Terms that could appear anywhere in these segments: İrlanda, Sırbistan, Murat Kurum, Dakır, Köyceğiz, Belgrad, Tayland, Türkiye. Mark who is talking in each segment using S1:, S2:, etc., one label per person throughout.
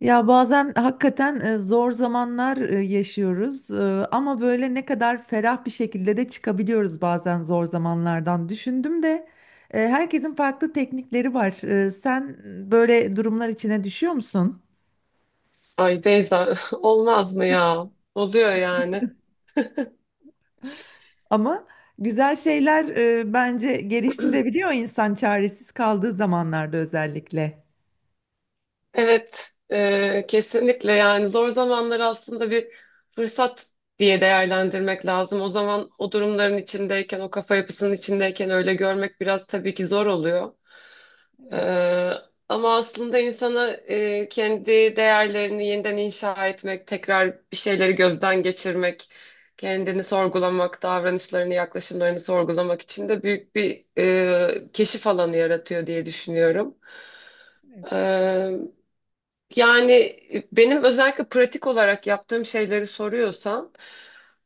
S1: Ya bazen hakikaten zor zamanlar yaşıyoruz ama böyle ne kadar ferah bir şekilde de çıkabiliyoruz bazen zor zamanlardan. Düşündüm de herkesin farklı teknikleri var. Sen böyle durumlar içine düşüyor musun?
S2: Ay Beyza olmaz mı ya? Oluyor yani.
S1: Ama güzel şeyler bence geliştirebiliyor insan çaresiz kaldığı zamanlarda özellikle.
S2: Evet, kesinlikle yani zor zamanları aslında bir fırsat diye değerlendirmek lazım. O zaman o durumların içindeyken, o kafa yapısının içindeyken öyle görmek biraz tabii ki zor oluyor.
S1: Evet.
S2: Ee, ama aslında insana kendi değerlerini yeniden inşa etmek, tekrar bir şeyleri gözden geçirmek, kendini sorgulamak, davranışlarını, yaklaşımlarını sorgulamak için de büyük bir keşif alanı yaratıyor diye düşünüyorum.
S1: Evet.
S2: Yani benim özellikle pratik olarak yaptığım şeyleri soruyorsan,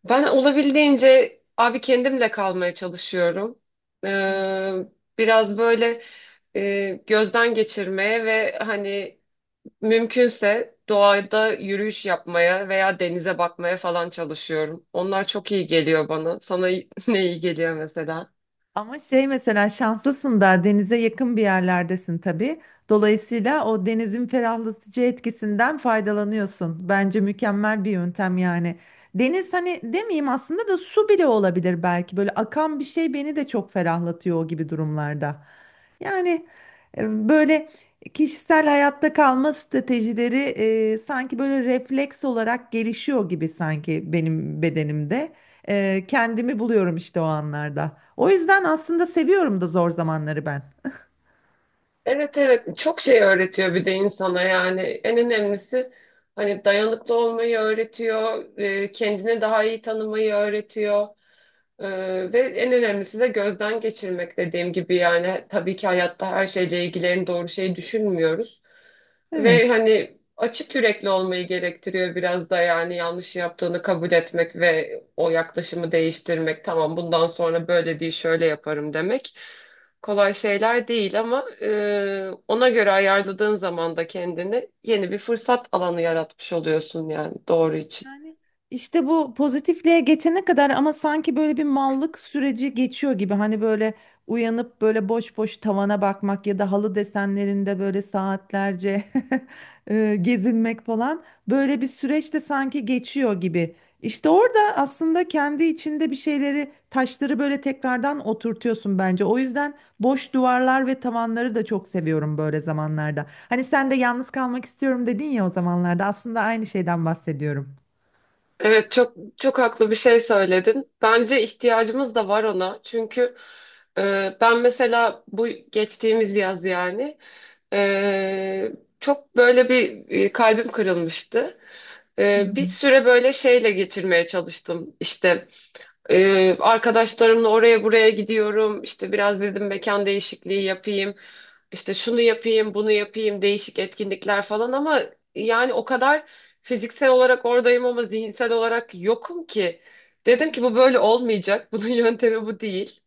S2: ben olabildiğince abi kendimle kalmaya çalışıyorum. Ee, biraz böyle gözden geçirmeye ve hani mümkünse doğada yürüyüş yapmaya veya denize bakmaya falan çalışıyorum. Onlar çok iyi geliyor bana. Sana ne iyi geliyor mesela?
S1: Ama şey mesela şanslısın da denize yakın bir yerlerdesin tabii. Dolayısıyla o denizin ferahlatıcı etkisinden faydalanıyorsun. Bence mükemmel bir yöntem yani. Deniz hani demeyeyim aslında da su bile olabilir belki. Böyle akan bir şey beni de çok ferahlatıyor o gibi durumlarda. Yani böyle kişisel hayatta kalma stratejileri sanki böyle refleks olarak gelişiyor gibi sanki benim bedenimde. Kendimi buluyorum işte o anlarda. O yüzden aslında seviyorum da zor zamanları ben.
S2: Evet, evet, çok şey öğretiyor bir de insana yani en önemlisi hani dayanıklı olmayı öğretiyor, kendini daha iyi tanımayı öğretiyor E, ve en önemlisi de gözden geçirmek dediğim gibi yani tabii ki hayatta her şeyle ilgili en doğru şeyi düşünmüyoruz. Ve
S1: Evet.
S2: hani açık yürekli olmayı gerektiriyor biraz da yani yanlış yaptığını kabul etmek ve o yaklaşımı değiştirmek. Tamam, bundan sonra böyle değil şöyle yaparım demek. Kolay şeyler değil ama ona göre ayarladığın zaman da kendini yeni bir fırsat alanı yaratmış oluyorsun yani doğru için.
S1: Yani işte bu pozitifliğe geçene kadar ama sanki böyle bir mallık süreci geçiyor gibi. Hani böyle uyanıp böyle boş boş tavana bakmak ya da halı desenlerinde böyle saatlerce gezinmek falan böyle bir süreç de sanki geçiyor gibi. İşte orada aslında kendi içinde bir şeyleri, taşları böyle tekrardan oturtuyorsun bence. O yüzden boş duvarlar ve tavanları da çok seviyorum böyle zamanlarda. Hani sen de yalnız kalmak istiyorum dedin ya o zamanlarda. Aslında aynı şeyden bahsediyorum.
S2: Evet, çok çok haklı bir şey söyledin. Bence ihtiyacımız da var ona. Çünkü ben mesela bu geçtiğimiz yaz yani e, çok böyle bir kalbim kırılmıştı.
S1: Hı hı.
S2: Bir süre böyle şeyle geçirmeye çalıştım. İşte arkadaşlarımla oraya buraya gidiyorum. İşte biraz dedim mekan değişikliği yapayım. İşte şunu yapayım, bunu yapayım, değişik etkinlikler falan ama yani o kadar fiziksel olarak oradayım ama zihinsel olarak yokum ki. Dedim ki bu böyle olmayacak. Bunun yöntemi bu değil.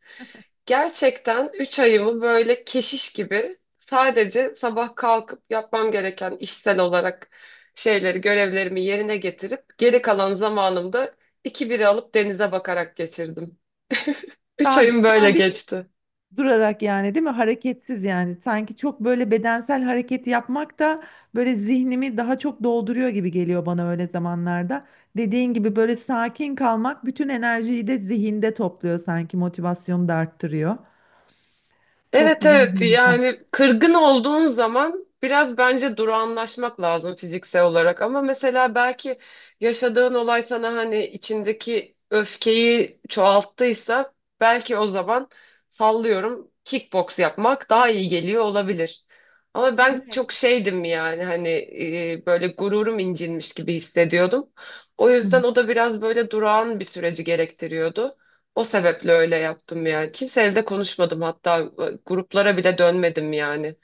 S2: Gerçekten 3 ayımı böyle keşiş gibi sadece sabah kalkıp yapmam gereken işsel olarak şeyleri, görevlerimi yerine getirip geri kalan zamanımda iki biri alıp denize bakarak geçirdim. 3
S1: Sabit,
S2: ayım böyle
S1: sabit
S2: geçti.
S1: durarak yani değil mi? Hareketsiz yani. Sanki çok böyle bedensel hareket yapmak da böyle zihnimi daha çok dolduruyor gibi geliyor bana öyle zamanlarda. Dediğin gibi böyle sakin kalmak bütün enerjiyi de zihinde topluyor sanki motivasyonu da arttırıyor. Çok
S2: Evet,
S1: güzel bir
S2: evet,
S1: yöntem.
S2: yani kırgın olduğun zaman biraz bence durağanlaşmak lazım fiziksel olarak ama mesela belki yaşadığın olay sana hani içindeki öfkeyi çoğalttıysa belki o zaman sallıyorum kickbox yapmak daha iyi geliyor olabilir. Ama ben
S1: Evet.
S2: çok şeydim yani hani böyle gururum incinmiş gibi hissediyordum. O
S1: Hı hı.
S2: yüzden o da biraz böyle durağan bir süreci gerektiriyordu. O sebeple öyle yaptım yani. Kimseyle de konuşmadım hatta gruplara bile dönmedim yani.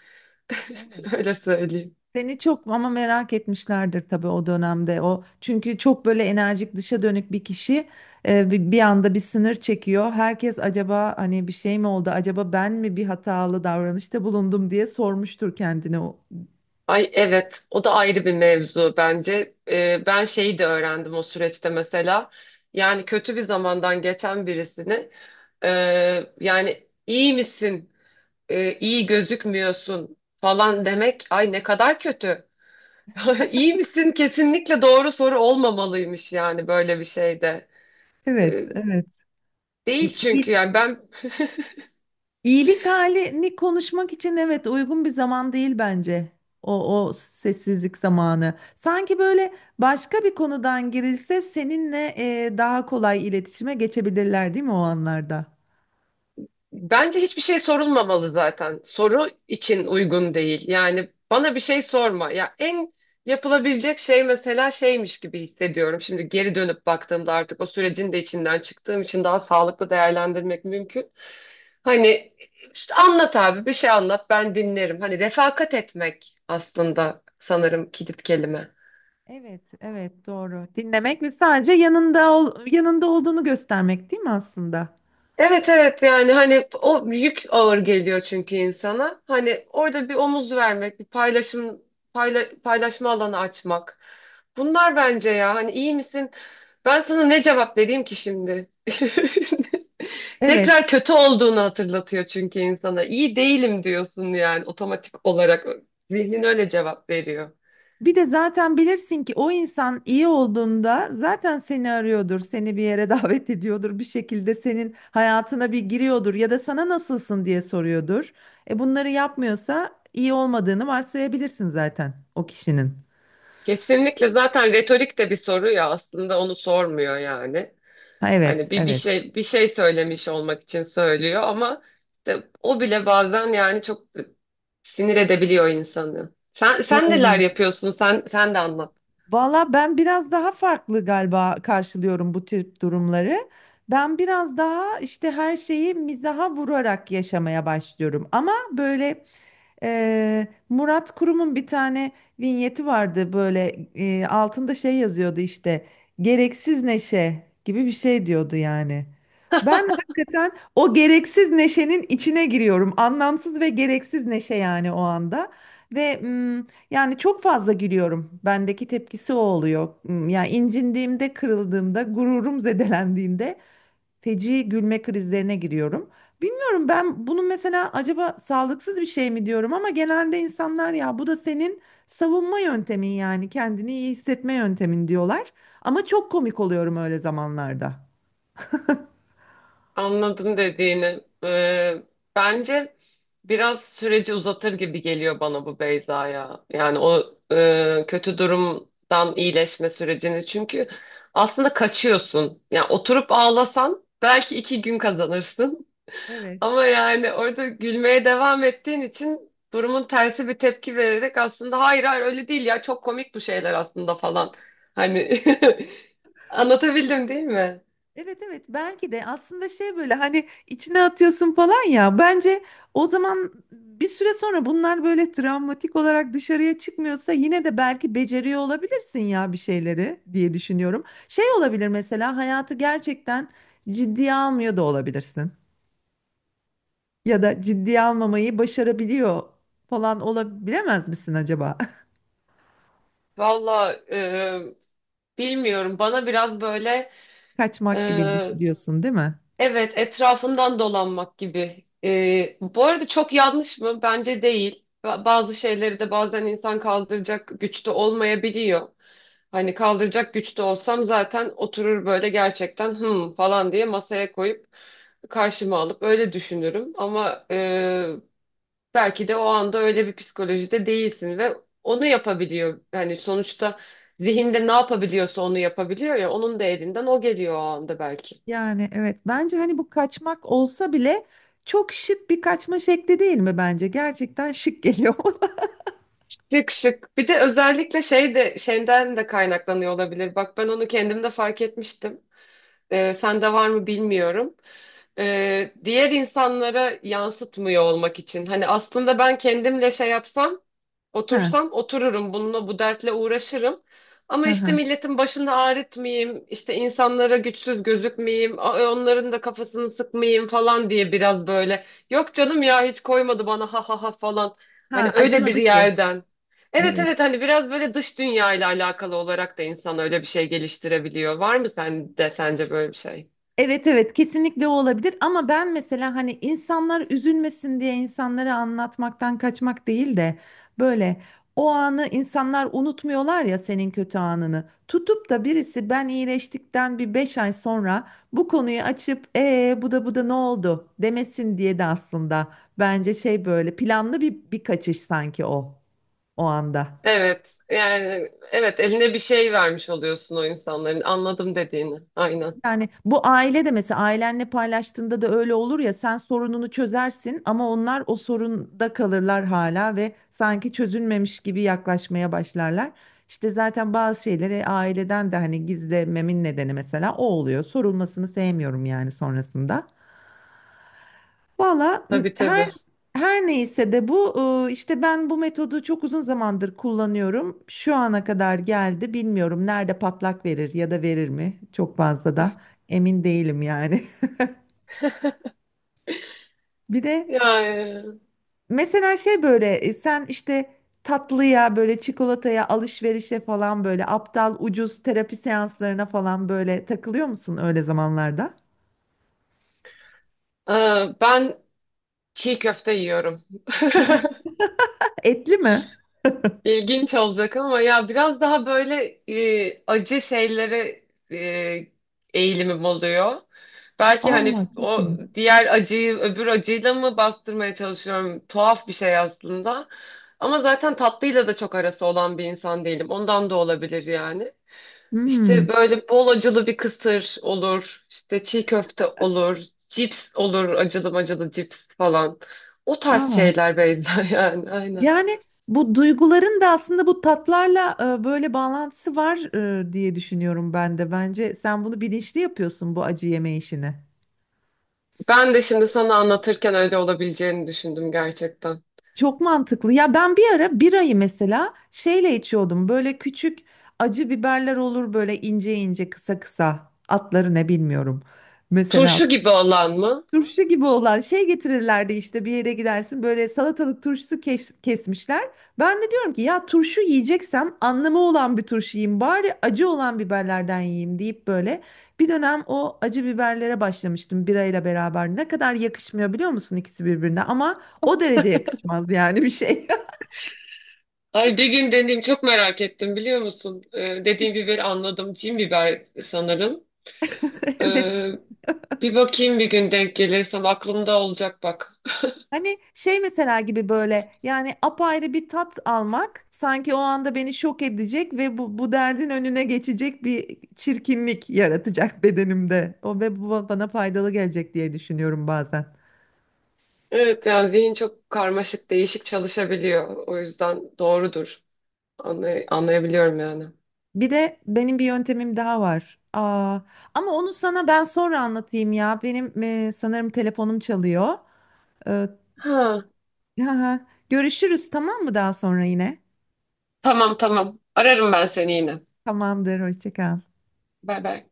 S1: Evet.
S2: Öyle söyleyeyim.
S1: Seni çok ama merak etmişlerdir tabii o dönemde. O çünkü çok böyle enerjik dışa dönük bir kişi bir anda bir sınır çekiyor. Herkes acaba hani bir şey mi oldu? Acaba ben mi bir hatalı davranışta bulundum diye sormuştur kendine. O.
S2: Ay evet, o da ayrı bir mevzu bence. Ben şeyi de öğrendim o süreçte mesela. Yani kötü bir zamandan geçen birisini e, yani iyi misin? İyi gözükmüyorsun falan demek ay ne kadar kötü. İyi misin? Kesinlikle doğru soru olmamalıymış yani böyle bir şeyde.
S1: Evet,
S2: E,
S1: evet.
S2: değil
S1: İ-
S2: çünkü
S1: iyi-
S2: yani ben...
S1: İyilik halini konuşmak için evet uygun bir zaman değil bence. O, o sessizlik zamanı. Sanki böyle başka bir konudan girilse seninle daha kolay iletişime geçebilirler değil mi o anlarda?
S2: Bence hiçbir şey sorulmamalı zaten. Soru için uygun değil. Yani bana bir şey sorma. Ya en yapılabilecek şey mesela şeymiş gibi hissediyorum. Şimdi geri dönüp baktığımda artık o sürecin de içinden çıktığım için daha sağlıklı değerlendirmek mümkün. Hani işte anlat abi bir şey anlat ben dinlerim. Hani refakat etmek aslında sanırım kilit kelime.
S1: Evet, evet doğru. Dinlemek ve sadece yanında ol, yanında olduğunu göstermek değil mi aslında?
S2: Evet, evet, yani hani o yük ağır geliyor çünkü insana. Hani orada bir omuz vermek, bir paylaşım paylaşma alanı açmak. Bunlar bence ya hani iyi misin? Ben sana ne cevap vereyim ki şimdi?
S1: Evet.
S2: Tekrar kötü olduğunu hatırlatıyor çünkü insana. İyi değilim diyorsun yani otomatik olarak. Zihnin öyle cevap veriyor.
S1: Bir de zaten bilirsin ki o insan iyi olduğunda zaten seni arıyordur, seni bir yere davet ediyordur, bir şekilde senin hayatına bir giriyordur ya da sana nasılsın diye soruyordur. E bunları yapmıyorsa iyi olmadığını varsayabilirsin zaten o kişinin.
S2: Kesinlikle zaten retorik de bir soru ya aslında onu sormuyor yani.
S1: Ha, evet,
S2: Hani bir
S1: evet.
S2: şey bir şey söylemiş olmak için söylüyor ama işte o bile bazen yani çok sinir edebiliyor insanı. Sen neler
S1: Doğru.
S2: yapıyorsun? Sen de anlat.
S1: Valla ben biraz daha farklı galiba karşılıyorum bu tür durumları. Ben biraz daha işte her şeyi mizaha vurarak yaşamaya başlıyorum. Ama böyle Murat Kurum'un bir tane vinyeti vardı böyle altında şey yazıyordu işte gereksiz neşe gibi bir şey diyordu yani. Ben hakikaten o gereksiz neşenin içine giriyorum. Anlamsız ve gereksiz neşe yani o anda. Ve yani çok fazla gülüyorum. Bendeki tepkisi o oluyor. Hmm, yani incindiğimde, kırıldığımda, gururum zedelendiğinde feci gülme krizlerine giriyorum. Bilmiyorum ben bunu mesela acaba sağlıksız bir şey mi diyorum ama genelde insanlar ya bu da senin savunma yöntemin yani kendini iyi hissetme yöntemin diyorlar. Ama çok komik oluyorum öyle zamanlarda.
S2: Anladım dediğini. Bence biraz süreci uzatır gibi geliyor bana bu Beyza ya. Yani o kötü durumdan iyileşme sürecini. Çünkü aslında kaçıyorsun. Yani oturup ağlasan belki iki gün kazanırsın.
S1: Evet.
S2: Ama yani orada gülmeye devam ettiğin için durumun tersi bir tepki vererek aslında hayır, hayır öyle değil ya çok komik bu şeyler aslında falan. Hani anlatabildim değil mi?
S1: Evet evet belki de aslında şey böyle hani içine atıyorsun falan ya bence o zaman bir süre sonra bunlar böyle travmatik olarak dışarıya çıkmıyorsa yine de belki beceriyor olabilirsin ya bir şeyleri diye düşünüyorum. Şey olabilir mesela hayatı gerçekten ciddiye almıyor da olabilirsin ya da ciddiye almamayı başarabiliyor falan olabilemez misin acaba?
S2: Valla, bilmiyorum bana biraz böyle e,
S1: Diyorsun değil mi?
S2: Evet, etrafından dolanmak gibi. Bu arada çok yanlış mı? Bence değil. Bazı şeyleri de bazen insan kaldıracak güçte olmayabiliyor. Hani kaldıracak güçte olsam zaten oturur böyle gerçekten hım falan diye masaya koyup karşıma alıp öyle düşünürüm. Ama belki de o anda öyle bir psikolojide değilsin ve onu yapabiliyor. Yani sonuçta zihinde ne yapabiliyorsa onu yapabiliyor ya onun da elinden o geliyor o anda belki.
S1: Yani evet bence hani bu kaçmak olsa bile çok şık bir kaçma şekli değil mi bence? Gerçekten şık geliyor.
S2: Şık, şık. Bir de özellikle şey de şeyden de kaynaklanıyor olabilir. Bak ben onu kendim de fark etmiştim. Sende var mı bilmiyorum. Diğer insanlara yansıtmıyor olmak için. Hani aslında ben kendimle şey yapsam,
S1: Ha
S2: otursam otururum bununla, bu dertle uğraşırım. Ama
S1: ha ha.
S2: işte milletin başını ağrıtmayayım, işte insanlara güçsüz gözükmeyeyim, onların da kafasını sıkmayayım falan diye biraz böyle. Yok canım ya hiç koymadı bana ha ha ha falan. Hani
S1: Ha
S2: öyle bir
S1: acımadı ki.
S2: yerden. Evet,
S1: Evet.
S2: evet, hani biraz böyle dış dünya ile alakalı olarak da insan öyle bir şey geliştirebiliyor. Var mı sende sence böyle bir şey?
S1: Evet evet kesinlikle o olabilir ama ben mesela hani insanlar üzülmesin diye insanlara anlatmaktan kaçmak değil de böyle o anı insanlar unutmuyorlar ya senin kötü anını. Tutup da birisi ben iyileştikten bir 5 ay sonra bu konuyu açıp bu da bu da ne oldu demesin diye de aslında bence şey böyle planlı bir kaçış sanki o o anda.
S2: Evet yani evet, eline bir şey vermiş oluyorsun o insanların, anladım dediğini. Aynen.
S1: Yani bu aile de mesela ailenle paylaştığında da öyle olur ya sen sorununu çözersin ama onlar o sorunda kalırlar hala ve sanki çözülmemiş gibi yaklaşmaya başlarlar. İşte zaten bazı şeyleri aileden de hani gizlememin nedeni mesela o oluyor. Sorulmasını sevmiyorum yani sonrasında. Valla
S2: Tabii,
S1: her
S2: tabii.
S1: her neyse de bu işte ben bu metodu çok uzun zamandır kullanıyorum. Şu ana kadar geldi. Bilmiyorum nerede patlak verir ya da verir mi? Çok fazla da emin değilim yani. Bir de
S2: Yani
S1: mesela şey böyle sen işte tatlıya böyle çikolataya alışverişe falan böyle aptal ucuz terapi seanslarına falan böyle takılıyor musun öyle zamanlarda?
S2: e, ben çiğ köfte yiyorum.
S1: Etli mi?
S2: İlginç olacak ama ya biraz daha böyle acı şeylere e, eğilimim oluyor. Belki hani
S1: Aa çok
S2: o
S1: iyi.
S2: diğer acıyı öbür acıyla mı bastırmaya çalışıyorum? Tuhaf bir şey aslında. Ama zaten tatlıyla da çok arası olan bir insan değilim. Ondan da olabilir yani. İşte
S1: Hmm.
S2: böyle bol acılı bir kısır olur. İşte çiğ köfte olur. Cips olur. Acılı acılı cips falan. O tarz
S1: Aa.
S2: şeyler Beyza yani aynen.
S1: Yani bu duyguların da aslında bu tatlarla böyle bağlantısı var diye düşünüyorum ben de. Bence sen bunu bilinçli yapıyorsun bu acı yeme işini.
S2: Ben de şimdi sana anlatırken öyle olabileceğini düşündüm gerçekten.
S1: Çok mantıklı. Ya ben bir ara birayı mesela şeyle içiyordum. Böyle küçük acı biberler olur böyle ince ince kısa kısa. Atları ne bilmiyorum. Mesela
S2: Turşu gibi olan mı?
S1: turşu gibi olan şey getirirlerdi işte bir yere gidersin böyle salatalık turşusu kesmişler. Ben de diyorum ki ya turşu yiyeceksem anlamı olan bir turşu yiyeyim bari acı olan biberlerden yiyeyim deyip böyle bir dönem o acı biberlere başlamıştım birayla beraber. Ne kadar yakışmıyor biliyor musun ikisi birbirine ama o derece yakışmaz yani bir şey.
S2: Ay bir gün deneyeyim çok merak ettim biliyor musun? Dediğim biberi anladım. Cin biber sanırım.
S1: Evet.
S2: Ee, bir bakayım bir gün denk gelirsem aklımda olacak bak.
S1: Hani şey mesela gibi böyle yani apayrı bir tat almak sanki o anda beni şok edecek ve bu, bu derdin önüne geçecek bir çirkinlik yaratacak bedenimde. O ve bu bana faydalı gelecek diye düşünüyorum bazen.
S2: Evet, yani zihin çok karmaşık, değişik çalışabiliyor. O yüzden doğrudur. Anlayabiliyorum yani.
S1: Bir de benim bir yöntemim daha var. Aa, ama onu sana ben sonra anlatayım ya. Benim sanırım telefonum çalıyor. Ee,
S2: Ha,
S1: görüşürüz tamam mı daha sonra yine?
S2: tamam, tamam. Ararım ben seni yine.
S1: Tamamdır hoşça kal.
S2: Bay bay.